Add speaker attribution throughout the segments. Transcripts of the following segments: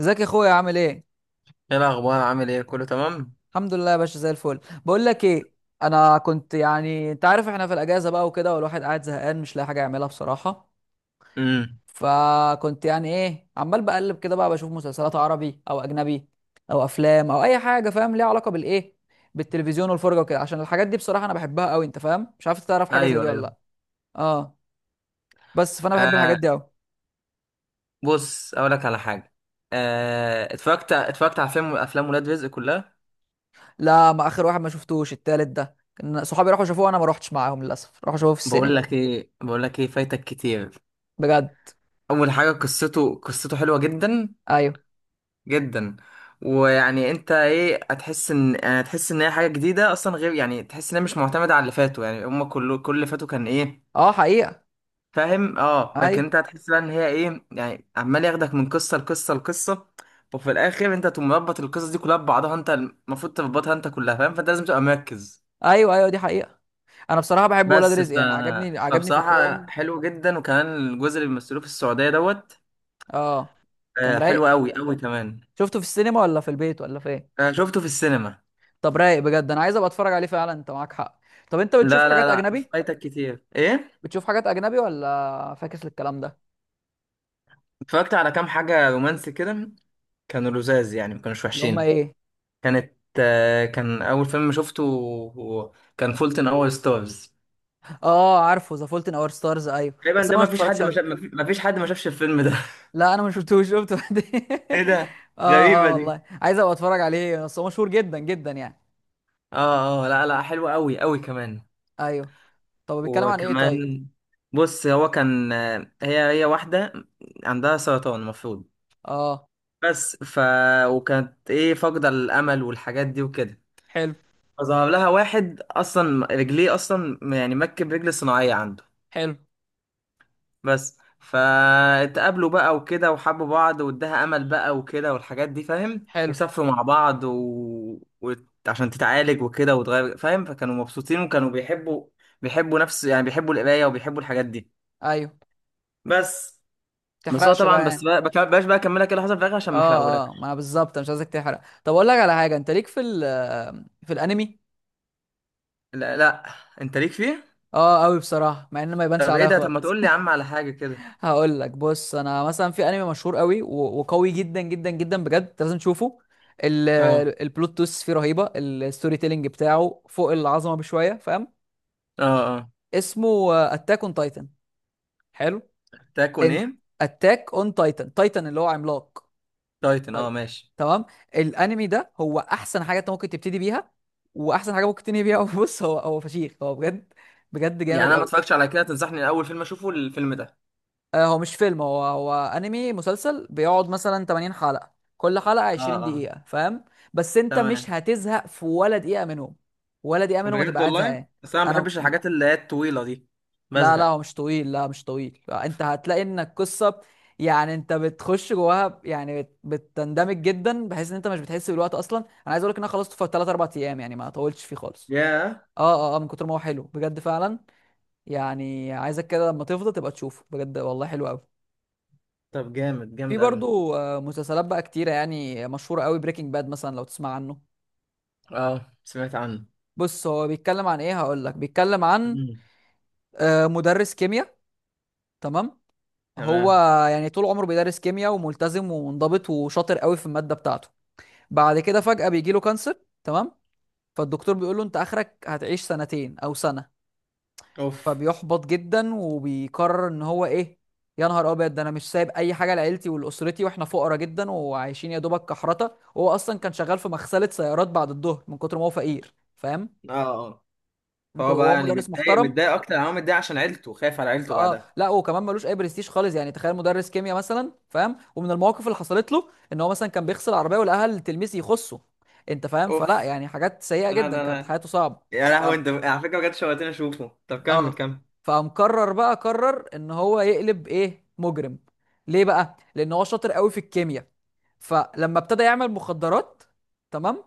Speaker 1: ازيك يا اخويا؟ عامل ايه؟
Speaker 2: ايه الاخبار؟ عامل ايه؟ كله تمام؟
Speaker 1: الحمد لله يا باشا، زي الفل. بقول لك ايه، انا كنت، انت عارف، احنا في الاجازه بقى وكده، والواحد قاعد زهقان مش لاقي حاجه يعملها بصراحه.
Speaker 2: امم.
Speaker 1: فكنت يعني ايه عمال بقلب كده بقى، بشوف مسلسلات عربي او اجنبي او افلام او اي حاجه فاهم ليها علاقه بالتلفزيون والفرجه وكده، عشان الحاجات دي بصراحه انا بحبها قوي. انت فاهم؟ مش عارف، تعرف حاجه زي
Speaker 2: ايوه،
Speaker 1: دي ولا
Speaker 2: ايوه.
Speaker 1: لا؟ اه. بس فانا بحب
Speaker 2: آه،
Speaker 1: الحاجات دي قوي.
Speaker 2: بص اقول لك على حاجه. آه، اتفرجت على افلام ولاد رزق كلها.
Speaker 1: لا، ما اخر واحد ما شفتوش، التالت ده كان صحابي راحوا شافوه، انا ما روحتش معاهم للاسف، راحوا شافوه في
Speaker 2: بقول
Speaker 1: السينما.
Speaker 2: لك ايه بقول لك ايه فايتك كتير.
Speaker 1: بجد؟
Speaker 2: اول حاجه قصته حلوه جدا
Speaker 1: ايوه.
Speaker 2: جدا. ويعني انت ايه؟ هتحس ان هي حاجه جديده اصلا، غير يعني تحس ان هي مش معتمده على اللي فاتوا، يعني هم كله كل اللي فاتوا كان ايه
Speaker 1: اه حقيقة.
Speaker 2: فاهم؟ اه، لكن
Speaker 1: ايوه
Speaker 2: انت هتحس بقى ان هي ايه، يعني عمال ياخدك من قصه لقصه لقصه. وفي الاخر انت تقوم مربط القصص دي كلها ببعضها، انت المفروض تربطها انت كلها فاهم، فانت لازم تبقى مركز.
Speaker 1: ايوه ايوه، دي حقيقه. انا بصراحه بحب ولاد
Speaker 2: بس ف...
Speaker 1: رزق، يعني عجبني، عجبني
Speaker 2: فبصراحه
Speaker 1: فكرهم.
Speaker 2: حلو جدا. وكمان الجزء اللي بيمثلوه في السعوديه دوت.
Speaker 1: اه. كان
Speaker 2: آه،
Speaker 1: رايق.
Speaker 2: حلو قوي قوي كمان.
Speaker 1: شفته في السينما ولا في البيت ولا فين؟
Speaker 2: آه، شفته في السينما.
Speaker 1: طب رايق بجد، انا عايز ابقى اتفرج عليه فعلا، انت معاك حق. طب انت بتشوف
Speaker 2: لا لا
Speaker 1: حاجات
Speaker 2: لا،
Speaker 1: اجنبي؟
Speaker 2: فايتك كتير ايه.
Speaker 1: بتشوف حاجات اجنبي ولا فاكس للكلام ده؟
Speaker 2: اتفرجت على كام حاجه رومانسي كده، كانوا لذاذ يعني، ما كانوش
Speaker 1: اللي هم
Speaker 2: وحشين.
Speaker 1: ايه؟
Speaker 2: كانت، آه، كان اول فيلم شفته كان فولتن اور ستارز.
Speaker 1: اه، عارفه ذا فولت ان اور ستارز، ايوه،
Speaker 2: تقريبا
Speaker 1: بس
Speaker 2: ده
Speaker 1: انا
Speaker 2: ما
Speaker 1: ما
Speaker 2: فيش
Speaker 1: اتفرجتش
Speaker 2: حد ما
Speaker 1: عليه.
Speaker 2: شاف ما فيش حد ما شافش الفيلم ده.
Speaker 1: لا انا ما شفتوش، شفته بعدين.
Speaker 2: ايه ده؟
Speaker 1: اه
Speaker 2: غريبة
Speaker 1: اه والله،
Speaker 2: دي.
Speaker 1: عايز ابقى اتفرج عليه، بس هو مشهور جدا جدا يعني.
Speaker 2: اه اه، لا لا، حلوة قوي قوي كمان.
Speaker 1: ايوه. طب بيتكلم عن ايه طيب؟
Speaker 2: وكمان بص، هو كان، هي واحدة عندها سرطان المفروض.
Speaker 1: اه.
Speaker 2: بس ف وكانت ايه، فاقدة الأمل والحاجات دي وكده.
Speaker 1: حلو.
Speaker 2: فظهر لها واحد أصلا رجليه أصلا يعني مركب رجل صناعية عنده.
Speaker 1: حلو.
Speaker 2: بس فاتقابلوا بقى وكده وحبوا بعض واداها امل بقى وكده والحاجات دي فاهم،
Speaker 1: حلو.
Speaker 2: وسافروا مع بعض و... عشان تتعالج وكده وتغير فاهم، فكانوا مبسوطين وكانوا بيحبوا، بيحبوا نفس يعني، بيحبوا القرايه وبيحبوا الحاجات دي.
Speaker 1: ايوه.
Speaker 2: بس. بس هو
Speaker 1: تحرقش بقى
Speaker 2: طبعا بس
Speaker 1: يعني.
Speaker 2: بقى بك- بلاش بقى اكملك ايه اللي حصل في الاخر عشان ما
Speaker 1: اه
Speaker 2: احرقهولك.
Speaker 1: اه، ما انا بالظبط مش عايزك تحرق. طب اقول لك على حاجه، انت ليك في في الانمي؟
Speaker 2: لا لا، انت ليك فيه.
Speaker 1: اه قوي بصراحه، مع ان ما يبانش
Speaker 2: طب ايه
Speaker 1: عليا
Speaker 2: ده، طب ما
Speaker 1: خالص.
Speaker 2: تقول لي يا عم على حاجه كده.
Speaker 1: هقول لك، بص انا مثلا في انمي مشهور قوي وقوي جدا جدا جدا بجد، انت لازم تشوفه. ال-
Speaker 2: اه
Speaker 1: البلوت تويست فيه رهيبه، الستوري تيلينج بتاعه فوق العظمه بشويه، فاهم؟
Speaker 2: اه اه.
Speaker 1: اسمه اتاك اون تايتن. حلو.
Speaker 2: تاكون
Speaker 1: انت،
Speaker 2: ايه؟
Speaker 1: اتاك اون تايتن، تايتن اللي هو عملاق.
Speaker 2: تايتن، اه، ماشي.
Speaker 1: تمام. الانمي ده هو احسن حاجه انت ممكن تبتدي بيها، واحسن حاجه ممكن تنهي بيها. بص هو، فشيخ هو بجد، بجد
Speaker 2: يعني
Speaker 1: جامد
Speaker 2: انا ما
Speaker 1: قوي.
Speaker 2: اتفرجتش على كده، تنصحني الاول فيلم اشوفه الفيلم ده؟
Speaker 1: هو مش فيلم، هو انمي مسلسل بيقعد مثلا 80 حلقه، كل حلقه
Speaker 2: اه
Speaker 1: 20
Speaker 2: اه.
Speaker 1: دقيقه، فاهم؟ بس انت مش
Speaker 2: تمام.
Speaker 1: هتزهق في ولا دقيقه منهم، ولا دقيقه منهم هتبقى
Speaker 2: بجد
Speaker 1: قاعد
Speaker 2: والله،
Speaker 1: زهقان.
Speaker 2: بس انا ما
Speaker 1: انا،
Speaker 2: بحبش الحاجات اللي هي الطويله دي،
Speaker 1: لا لا،
Speaker 2: بزهق.
Speaker 1: هو مش طويل، لا مش طويل، انت هتلاقي ان القصه، يعني انت بتخش جواها بتندمج جدا، بحيث ان انت مش بتحس بالوقت اصلا. انا عايز اقول لك ان انا خلصته في 3 4 ايام، يعني ما طولتش فيه خالص.
Speaker 2: ياه.
Speaker 1: اه اه اه، من كتر ما هو حلو بجد فعلا، يعني عايزك كده لما تفضى تبقى تشوفه بجد والله، حلو قوي.
Speaker 2: طب جامد
Speaker 1: في
Speaker 2: جامد قوي.
Speaker 1: برضو مسلسلات بقى كتيره يعني مشهوره قوي، بريكنج باد مثلا لو تسمع عنه.
Speaker 2: اه، سمعت عنه.
Speaker 1: بص هو بيتكلم عن ايه، هقول لك بيتكلم عن
Speaker 2: مم.
Speaker 1: مدرس كيمياء. تمام. هو
Speaker 2: تمام.
Speaker 1: يعني طول عمره بيدرس كيمياء، وملتزم ومنضبط وشاطر قوي في المادة بتاعته. بعد كده فجأة بيجي له كانسر. تمام. فالدكتور بيقول له انت اخرك هتعيش سنتين او سنة.
Speaker 2: اوف.
Speaker 1: فبيحبط جدا وبيقرر ان هو ايه، يا نهار ابيض، ده انا مش سايب اي حاجة لعيلتي ولاسرتي، واحنا فقراء جدا وعايشين يا دوبك كحرطة. وهو اصلا كان شغال في مغسلة سيارات بعد الظهر من كتر ما هو فقير، فاهم؟
Speaker 2: اه اه. فهو بقى
Speaker 1: وهو
Speaker 2: يعني
Speaker 1: مدرس
Speaker 2: متضايق،
Speaker 1: محترم.
Speaker 2: متضايق اكتر انا هو متضايق عشان عيلته، خايف على عيلته
Speaker 1: اه،
Speaker 2: بعدها.
Speaker 1: لا وكمان ملوش اي برستيج خالص، يعني تخيل مدرس كيمياء مثلا، فاهم؟ ومن المواقف اللي حصلت له ان هو مثلا كان بيغسل العربيه والاهل تلميذ يخصه. انت فاهم؟ فلا
Speaker 2: اوف.
Speaker 1: يعني، حاجات سيئه
Speaker 2: لا
Speaker 1: جدا،
Speaker 2: لا
Speaker 1: كانت
Speaker 2: لا.
Speaker 1: حياته صعبه.
Speaker 2: يا
Speaker 1: ف...
Speaker 2: لهوي انت على فكره بجد شوقتني اشوفه، طب كمل
Speaker 1: اه،
Speaker 2: كمل.
Speaker 1: فمقرر بقى قرر ان هو يقلب ايه، مجرم. ليه بقى؟ لان هو شاطر قوي في الكيمياء. فلما ابتدى يعمل مخدرات، تمام،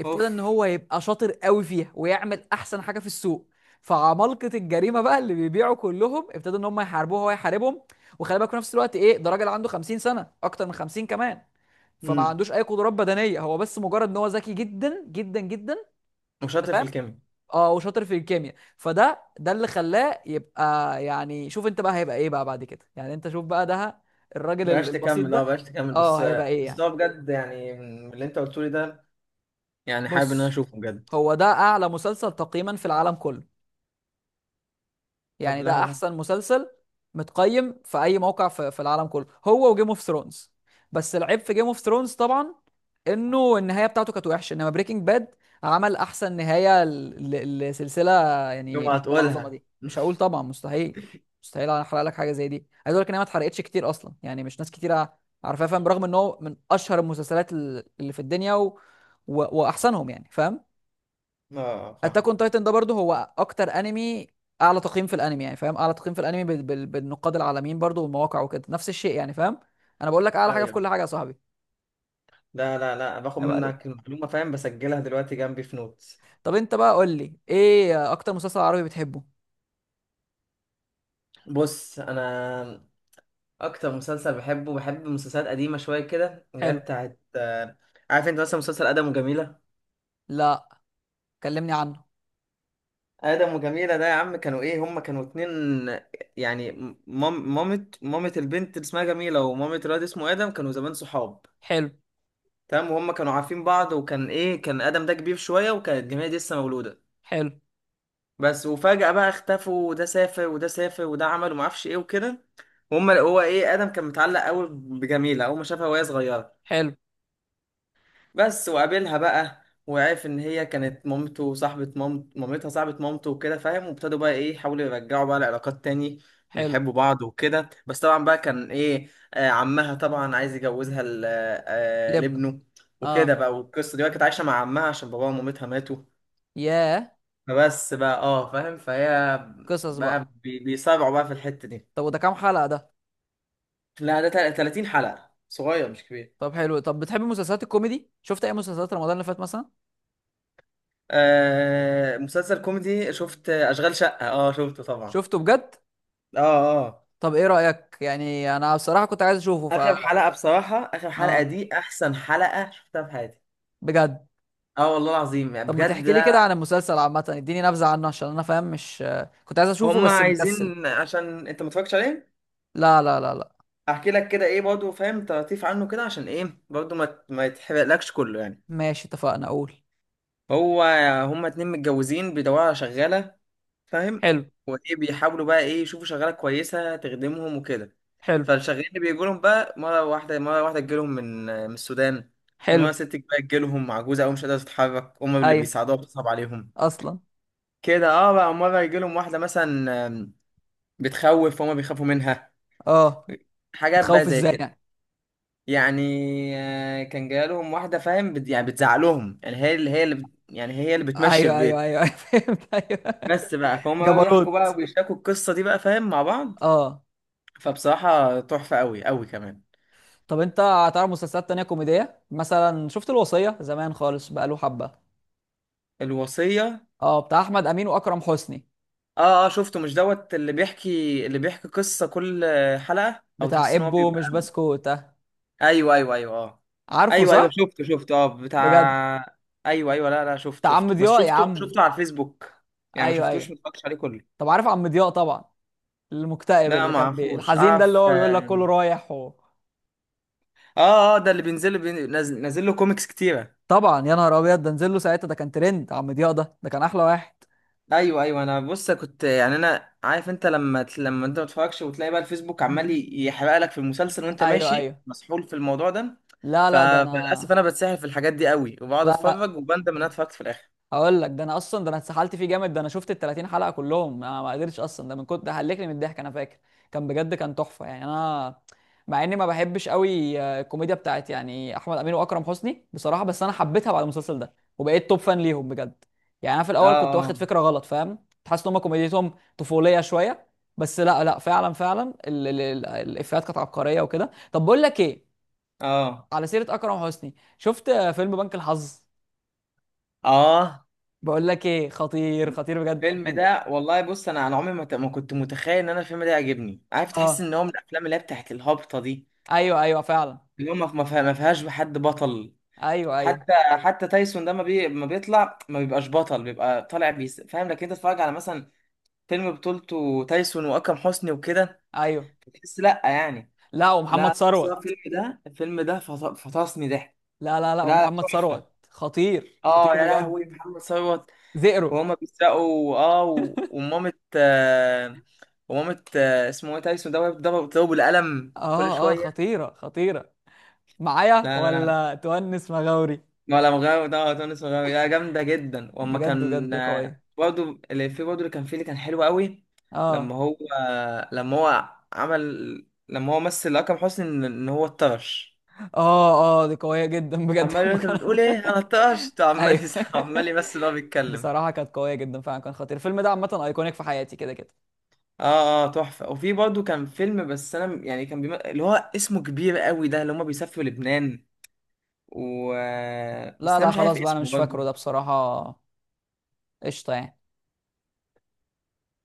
Speaker 1: ابتدى ان
Speaker 2: اوف.
Speaker 1: هو يبقى شاطر قوي فيها ويعمل احسن حاجه في السوق. فعمالقه الجريمه بقى اللي بيبيعوا كلهم ابتدوا ان هم يحاربوه وهو يحاربهم. وخلي بالك في نفس الوقت، ايه ده، راجل عنده 50 سنه، اكتر من 50 كمان، فما
Speaker 2: امم،
Speaker 1: عندوش اي قدرات بدنيه، هو بس مجرد ان هو ذكي جدا جدا جدا. انت
Speaker 2: وشاطر في
Speaker 1: فاهم؟
Speaker 2: الكيمياء.
Speaker 1: اه، وشاطر في الكيمياء، ده اللي خلاه يبقى، يعني شوف انت بقى هيبقى ايه بقى بعد كده. يعني انت شوف بقى ده، الراجل
Speaker 2: بلاش
Speaker 1: البسيط
Speaker 2: تكمل، اه
Speaker 1: ده.
Speaker 2: بلاش تكمل
Speaker 1: اه
Speaker 2: بس.
Speaker 1: هيبقى ايه
Speaker 2: بس
Speaker 1: يعني.
Speaker 2: هو بجد يعني من اللي انت قلته لي ده يعني حابب ان انا
Speaker 1: بص
Speaker 2: اشوفه بجد.
Speaker 1: هو ده اعلى مسلسل تقييما في العالم كله،
Speaker 2: طب
Speaker 1: يعني
Speaker 2: لا
Speaker 1: ده
Speaker 2: لا.
Speaker 1: احسن مسلسل متقيم في اي موقع في العالم كله، هو وجيم اوف ثرونز. بس العيب في جيم اوف ثرونز طبعا انه النهايه بتاعته كانت وحشه، انما بريكنج باد عمل احسن نهايه لسلسله،
Speaker 2: يوم
Speaker 1: يعني بالعظمه
Speaker 2: هتقولها.
Speaker 1: دي مش هقول طبعا. مستحيل، مستحيل انا احرق لك حاجه زي دي. عايز اقول لك ان هي ما اتحرقتش كتير اصلا، يعني مش ناس كتير عارفاها، فاهم؟ برغم ان هو من اشهر المسلسلات اللي في الدنيا واحسنهم يعني، فاهم؟
Speaker 2: اه
Speaker 1: اتاك
Speaker 2: فاهم.
Speaker 1: اون تايتن ده برضه هو اكتر انمي، اعلى تقييم في الانمي يعني، فاهم؟ اعلى تقييم في الانمي بالنقاد العالميين برضه والمواقع وكده، نفس الشيء يعني، فاهم؟ انا بقول لك اعلى حاجه في
Speaker 2: ايوه،
Speaker 1: كل حاجه يا صاحبي.
Speaker 2: لا لا لا، باخد
Speaker 1: عيب عليك.
Speaker 2: منك المعلومه فاهم، بسجلها دلوقتي جنبي في نوتس.
Speaker 1: طب انت بقى قول لي ايه اكتر مسلسل عربي بتحبه؟
Speaker 2: بص انا، اكتر مسلسل بحبه، بحب مسلسلات قديمه شويه كده اللي هي
Speaker 1: حلو.
Speaker 2: بتاعت عارف انت مثلا مسلسل ادم وجميله؟
Speaker 1: لا كلمني عنه.
Speaker 2: ادم وجميله ده يا عم، كانوا ايه، هم كانوا اتنين يعني، مامة البنت اللي اسمها جميله ومامة الواد اسمه ادم، كانوا زمان صحاب.
Speaker 1: حلو.
Speaker 2: تمام، وهم كانوا عارفين بعض، وكان ايه، كان ادم ده كبير شويه وكانت جميله دي لسه مولوده
Speaker 1: حلو.
Speaker 2: بس. وفجأة بقى اختفوا، وده سافر وده سافر وده عمل وما اعرفش ايه وكده. وهم، هو ايه، ادم كان متعلق قوي بجميلة اول ما شافها وهي صغيرة
Speaker 1: حلو.
Speaker 2: بس. وقابلها بقى وعرف ان هي كانت مامته، وصاحبة مامت، مامتها صاحبة مامته وكده فاهم، وابتدوا بقى ايه يحاولوا يرجعوا بقى العلاقات تاني
Speaker 1: حلو.
Speaker 2: ويحبوا بعض وكده. بس طبعا بقى كان ايه، آه، عمها طبعا عايز يجوزها
Speaker 1: لبنى.
Speaker 2: لابنه. وكده
Speaker 1: اه.
Speaker 2: بقى، والقصة دي بقى كانت عايشة مع عمها عشان باباها ومامتها ماتوا.
Speaker 1: ياه.
Speaker 2: فبس بقى اه فاهم، فهي
Speaker 1: قصص بقى.
Speaker 2: بقى بيصارعوا بقى في الحتة دي.
Speaker 1: طب وده كام حلقه ده؟
Speaker 2: لا ده 30 حلقة، صغير مش كبير.
Speaker 1: طب حلو، طب بتحب مسلسلات الكوميدي؟ شفت اي مسلسلات رمضان اللي فات مثلا؟
Speaker 2: آه مسلسل كوميدي، شفت أشغال شقة؟ اه شفته طبعا.
Speaker 1: شفته بجد؟
Speaker 2: اه اه.
Speaker 1: طب ايه رايك؟ يعني انا بصراحه كنت عايز اشوفه. ف،
Speaker 2: آخر حلقة بصراحة، آخر حلقة
Speaker 1: اه.
Speaker 2: دي أحسن حلقة شفتها في حياتي.
Speaker 1: بجد؟
Speaker 2: اه والله العظيم، يعني
Speaker 1: طب ما
Speaker 2: بجد
Speaker 1: تحكي لي كده عن
Speaker 2: لا.
Speaker 1: المسلسل عامة، اديني نبذة عنه، عشان انا فاهم مش، كنت عايز اشوفه
Speaker 2: هم
Speaker 1: بس مكسل.
Speaker 2: عايزين عشان انت ما اتفرجتش عليه
Speaker 1: لا لا لا لا.
Speaker 2: احكي لك كده ايه برضه فاهم، تلطيف عنه كده عشان ايه برضه ما يتحرقلكش كله يعني.
Speaker 1: ماشي اتفقنا، اقول.
Speaker 2: هو هما اتنين متجوزين بيدوروا على شغالة فاهم،
Speaker 1: حلو.
Speaker 2: وايه بيحاولوا بقى ايه يشوفوا شغاله كويسه تخدمهم وكده.
Speaker 1: حلو.
Speaker 2: فالشغالين اللي بيجوا لهم بقى، مره واحده مره واحده تجيلهم من السودان،
Speaker 1: حلو.
Speaker 2: مره ست بقى تجيلهم عجوزه او مش قادره تتحرك هم اللي
Speaker 1: ايوه.
Speaker 2: بيساعدوها بتصعب عليهم
Speaker 1: اصلا.
Speaker 2: كده اه، بقى مره يجيلهم واحده مثلا بتخوف، فهم بيخافوا منها.
Speaker 1: اه.
Speaker 2: حاجات
Speaker 1: بتخوف
Speaker 2: بقى زي
Speaker 1: ازاي
Speaker 2: كده،
Speaker 1: يعني؟
Speaker 2: يعني آه، كان جالهم واحده فاهم بت... يعني بتزعق لهم يعني، هي اللي، هي اللي بت... يعني هي اللي بتمشي
Speaker 1: ايوه ايوه
Speaker 2: البيت
Speaker 1: ايوه. أيوة، فهمت، ايوه.
Speaker 2: بس بقى. فهم بقى بيحكوا بقى
Speaker 1: جبروت.
Speaker 2: وبيشاركوا القصه دي بقى فاهم مع بعض.
Speaker 1: اه.
Speaker 2: فبصراحة تحفة قوي قوي كمان.
Speaker 1: طب انت هتعرف مسلسلات تانية كوميدية؟ مثلا شفت الوصية زمان، خالص بقاله حبة.
Speaker 2: الوصية،
Speaker 1: اه، بتاع احمد امين واكرم حسني.
Speaker 2: اه اه شفته، مش دوت اللي بيحكي، اللي بيحكي قصة كل حلقة، او
Speaker 1: بتاع
Speaker 2: تحس ان هو
Speaker 1: ابو
Speaker 2: بيبقى؟
Speaker 1: مش بسكوت
Speaker 2: ايوه ايوه ايوه اه.
Speaker 1: عارفه،
Speaker 2: ايوه ايوه
Speaker 1: صح؟
Speaker 2: شفته شفته اه بتاع.
Speaker 1: بجد.
Speaker 2: ايوه ايوه، لا لا شفت
Speaker 1: بتاع عم
Speaker 2: شفته بس،
Speaker 1: ضياء يا
Speaker 2: شفته
Speaker 1: عم.
Speaker 2: شفته على الفيسبوك يعني، ما
Speaker 1: ايوه
Speaker 2: شفتوش،
Speaker 1: ايوه.
Speaker 2: ما اتفرجتش عليه كله.
Speaker 1: طب عارف عم ضياء طبعا، المكتئب
Speaker 2: لا
Speaker 1: اللي
Speaker 2: ما
Speaker 1: كان
Speaker 2: اعرفوش،
Speaker 1: الحزين ده، اللي
Speaker 2: اعرف
Speaker 1: هو بيقول لك
Speaker 2: اه
Speaker 1: كله رايح
Speaker 2: اه. آه، ده اللي نازل نازل له كوميكس كتيرة.
Speaker 1: طبعا، يا نهار ابيض، ده نزل له ساعتها، ده كان ترند عم ضياء ده، ده كان احلى واحد.
Speaker 2: ايوه ايوه انا بص كنت يعني، انا عارف انت لما لما انت ما تتفرجش وتلاقي بقى الفيسبوك عمال يحرق لك في المسلسل وانت
Speaker 1: ايوه
Speaker 2: ماشي
Speaker 1: ايوه.
Speaker 2: مسحول في الموضوع ده.
Speaker 1: لا
Speaker 2: ف...
Speaker 1: لا، ده
Speaker 2: فللاسف
Speaker 1: انا.
Speaker 2: انا بتسحل في الحاجات دي قوي، وبقعد
Speaker 1: لا لا،
Speaker 2: اتفرج وبندم ان انا اتفرجت في الاخر.
Speaker 1: هقول لك، ده انا اصلا، ده انا اتسحلت فيه جامد، ده انا شفت ال 30 حلقه كلهم، انا ما قدرتش اصلا، ده من كنت، ده هلكني من الضحك، انا فاكر كان بجد، كان تحفه، يعني انا، مع اني ما بحبش قوي الكوميديا بتاعت يعني احمد امين واكرم حسني بصراحه، بس انا حبيتها بعد المسلسل ده، وبقيت توب فان ليهم بجد. يعني انا في الاول كنت واخد
Speaker 2: اه
Speaker 1: فكره غلط، فاهم؟ كنت حاسس ان هم كوميديتهم طفوليه شويه، بس لا لا، فعلا فعلا ال ال ال الافيهات كانت عبقريه وكده. طب بقول لك ايه،
Speaker 2: اه
Speaker 1: على سيره اكرم حسني، شفت فيلم بنك الحظ؟
Speaker 2: اه.
Speaker 1: بقول لك ايه، خطير خطير بجد
Speaker 2: الفيلم
Speaker 1: من.
Speaker 2: ده والله، بص انا انا عمري ما ما كنت متخيل ان انا الفيلم ده يعجبني، عارف، تحس
Speaker 1: اه.
Speaker 2: ان هو من الافلام اللي هي بتاعت الهابطه دي،
Speaker 1: ايوه ايوه فعلا.
Speaker 2: اللي هو ما فيهاش حد بطل
Speaker 1: ايوه ايوه
Speaker 2: حتى. تايسون ده ما بيطلع، ما بيبقاش بطل، بيبقى طالع بيس فاهم، لكن انت تتفرج على مثلا فيلم بطولته تايسون واكرم حسني وكده،
Speaker 1: ايوه،
Speaker 2: تحس لا يعني.
Speaker 1: لا ومحمد
Speaker 2: لا، بس هو
Speaker 1: ثروت.
Speaker 2: الفيلم ده، فطسني ضحك.
Speaker 1: لا لا لا،
Speaker 2: لا لا
Speaker 1: ومحمد ثروت
Speaker 2: تحفه.
Speaker 1: خطير
Speaker 2: اه
Speaker 1: خطير
Speaker 2: يا
Speaker 1: بجد.
Speaker 2: لهوي محمد ثروت،
Speaker 1: زئرو.
Speaker 2: وهما بيسرقوا اه، ومامة آه، اسمه ايه تايسون ده، وهي بتضربه، بتضربه بالقلم كل
Speaker 1: اه اه،
Speaker 2: شويه.
Speaker 1: خطيره خطيره. معايا
Speaker 2: لا لا،
Speaker 1: ولا تونس مغاوري؟
Speaker 2: ولا مغاوي ده، اه تونس مغاوي، لا جامده جدا. واما
Speaker 1: بجد
Speaker 2: كان
Speaker 1: بجد
Speaker 2: آه،
Speaker 1: قويه.
Speaker 2: برضه اللي في، برضه اللي كان فيه، اللي كان حلو قوي لما
Speaker 1: اه
Speaker 2: هو، لما هو عمل لما هو مثل اكرم حسني ان هو اتطرش،
Speaker 1: اه اه، دي قويه جدا بجد.
Speaker 2: عمال يقول،
Speaker 1: لما
Speaker 2: انت
Speaker 1: كانت،
Speaker 2: بتقول ايه، انا اتطرشت، عمال عمال
Speaker 1: ايوه.
Speaker 2: يمثل وهو بيتكلم.
Speaker 1: بصراحه كانت قويه جدا فعلا، كان خطير الفيلم ده عامه، ايكونيك في حياتي كده كده.
Speaker 2: اه اه تحفه. وفي برضه كان فيلم، بس انا يعني كان اللي هو اسمه كبير قوي ده، اللي هما بيسافروا لبنان، و آه، بس
Speaker 1: لا
Speaker 2: انا
Speaker 1: لا،
Speaker 2: مش عارف
Speaker 1: خلاص بقى انا
Speaker 2: اسمه
Speaker 1: مش فاكره ده
Speaker 2: برضه.
Speaker 1: بصراحه. قشطه يعني.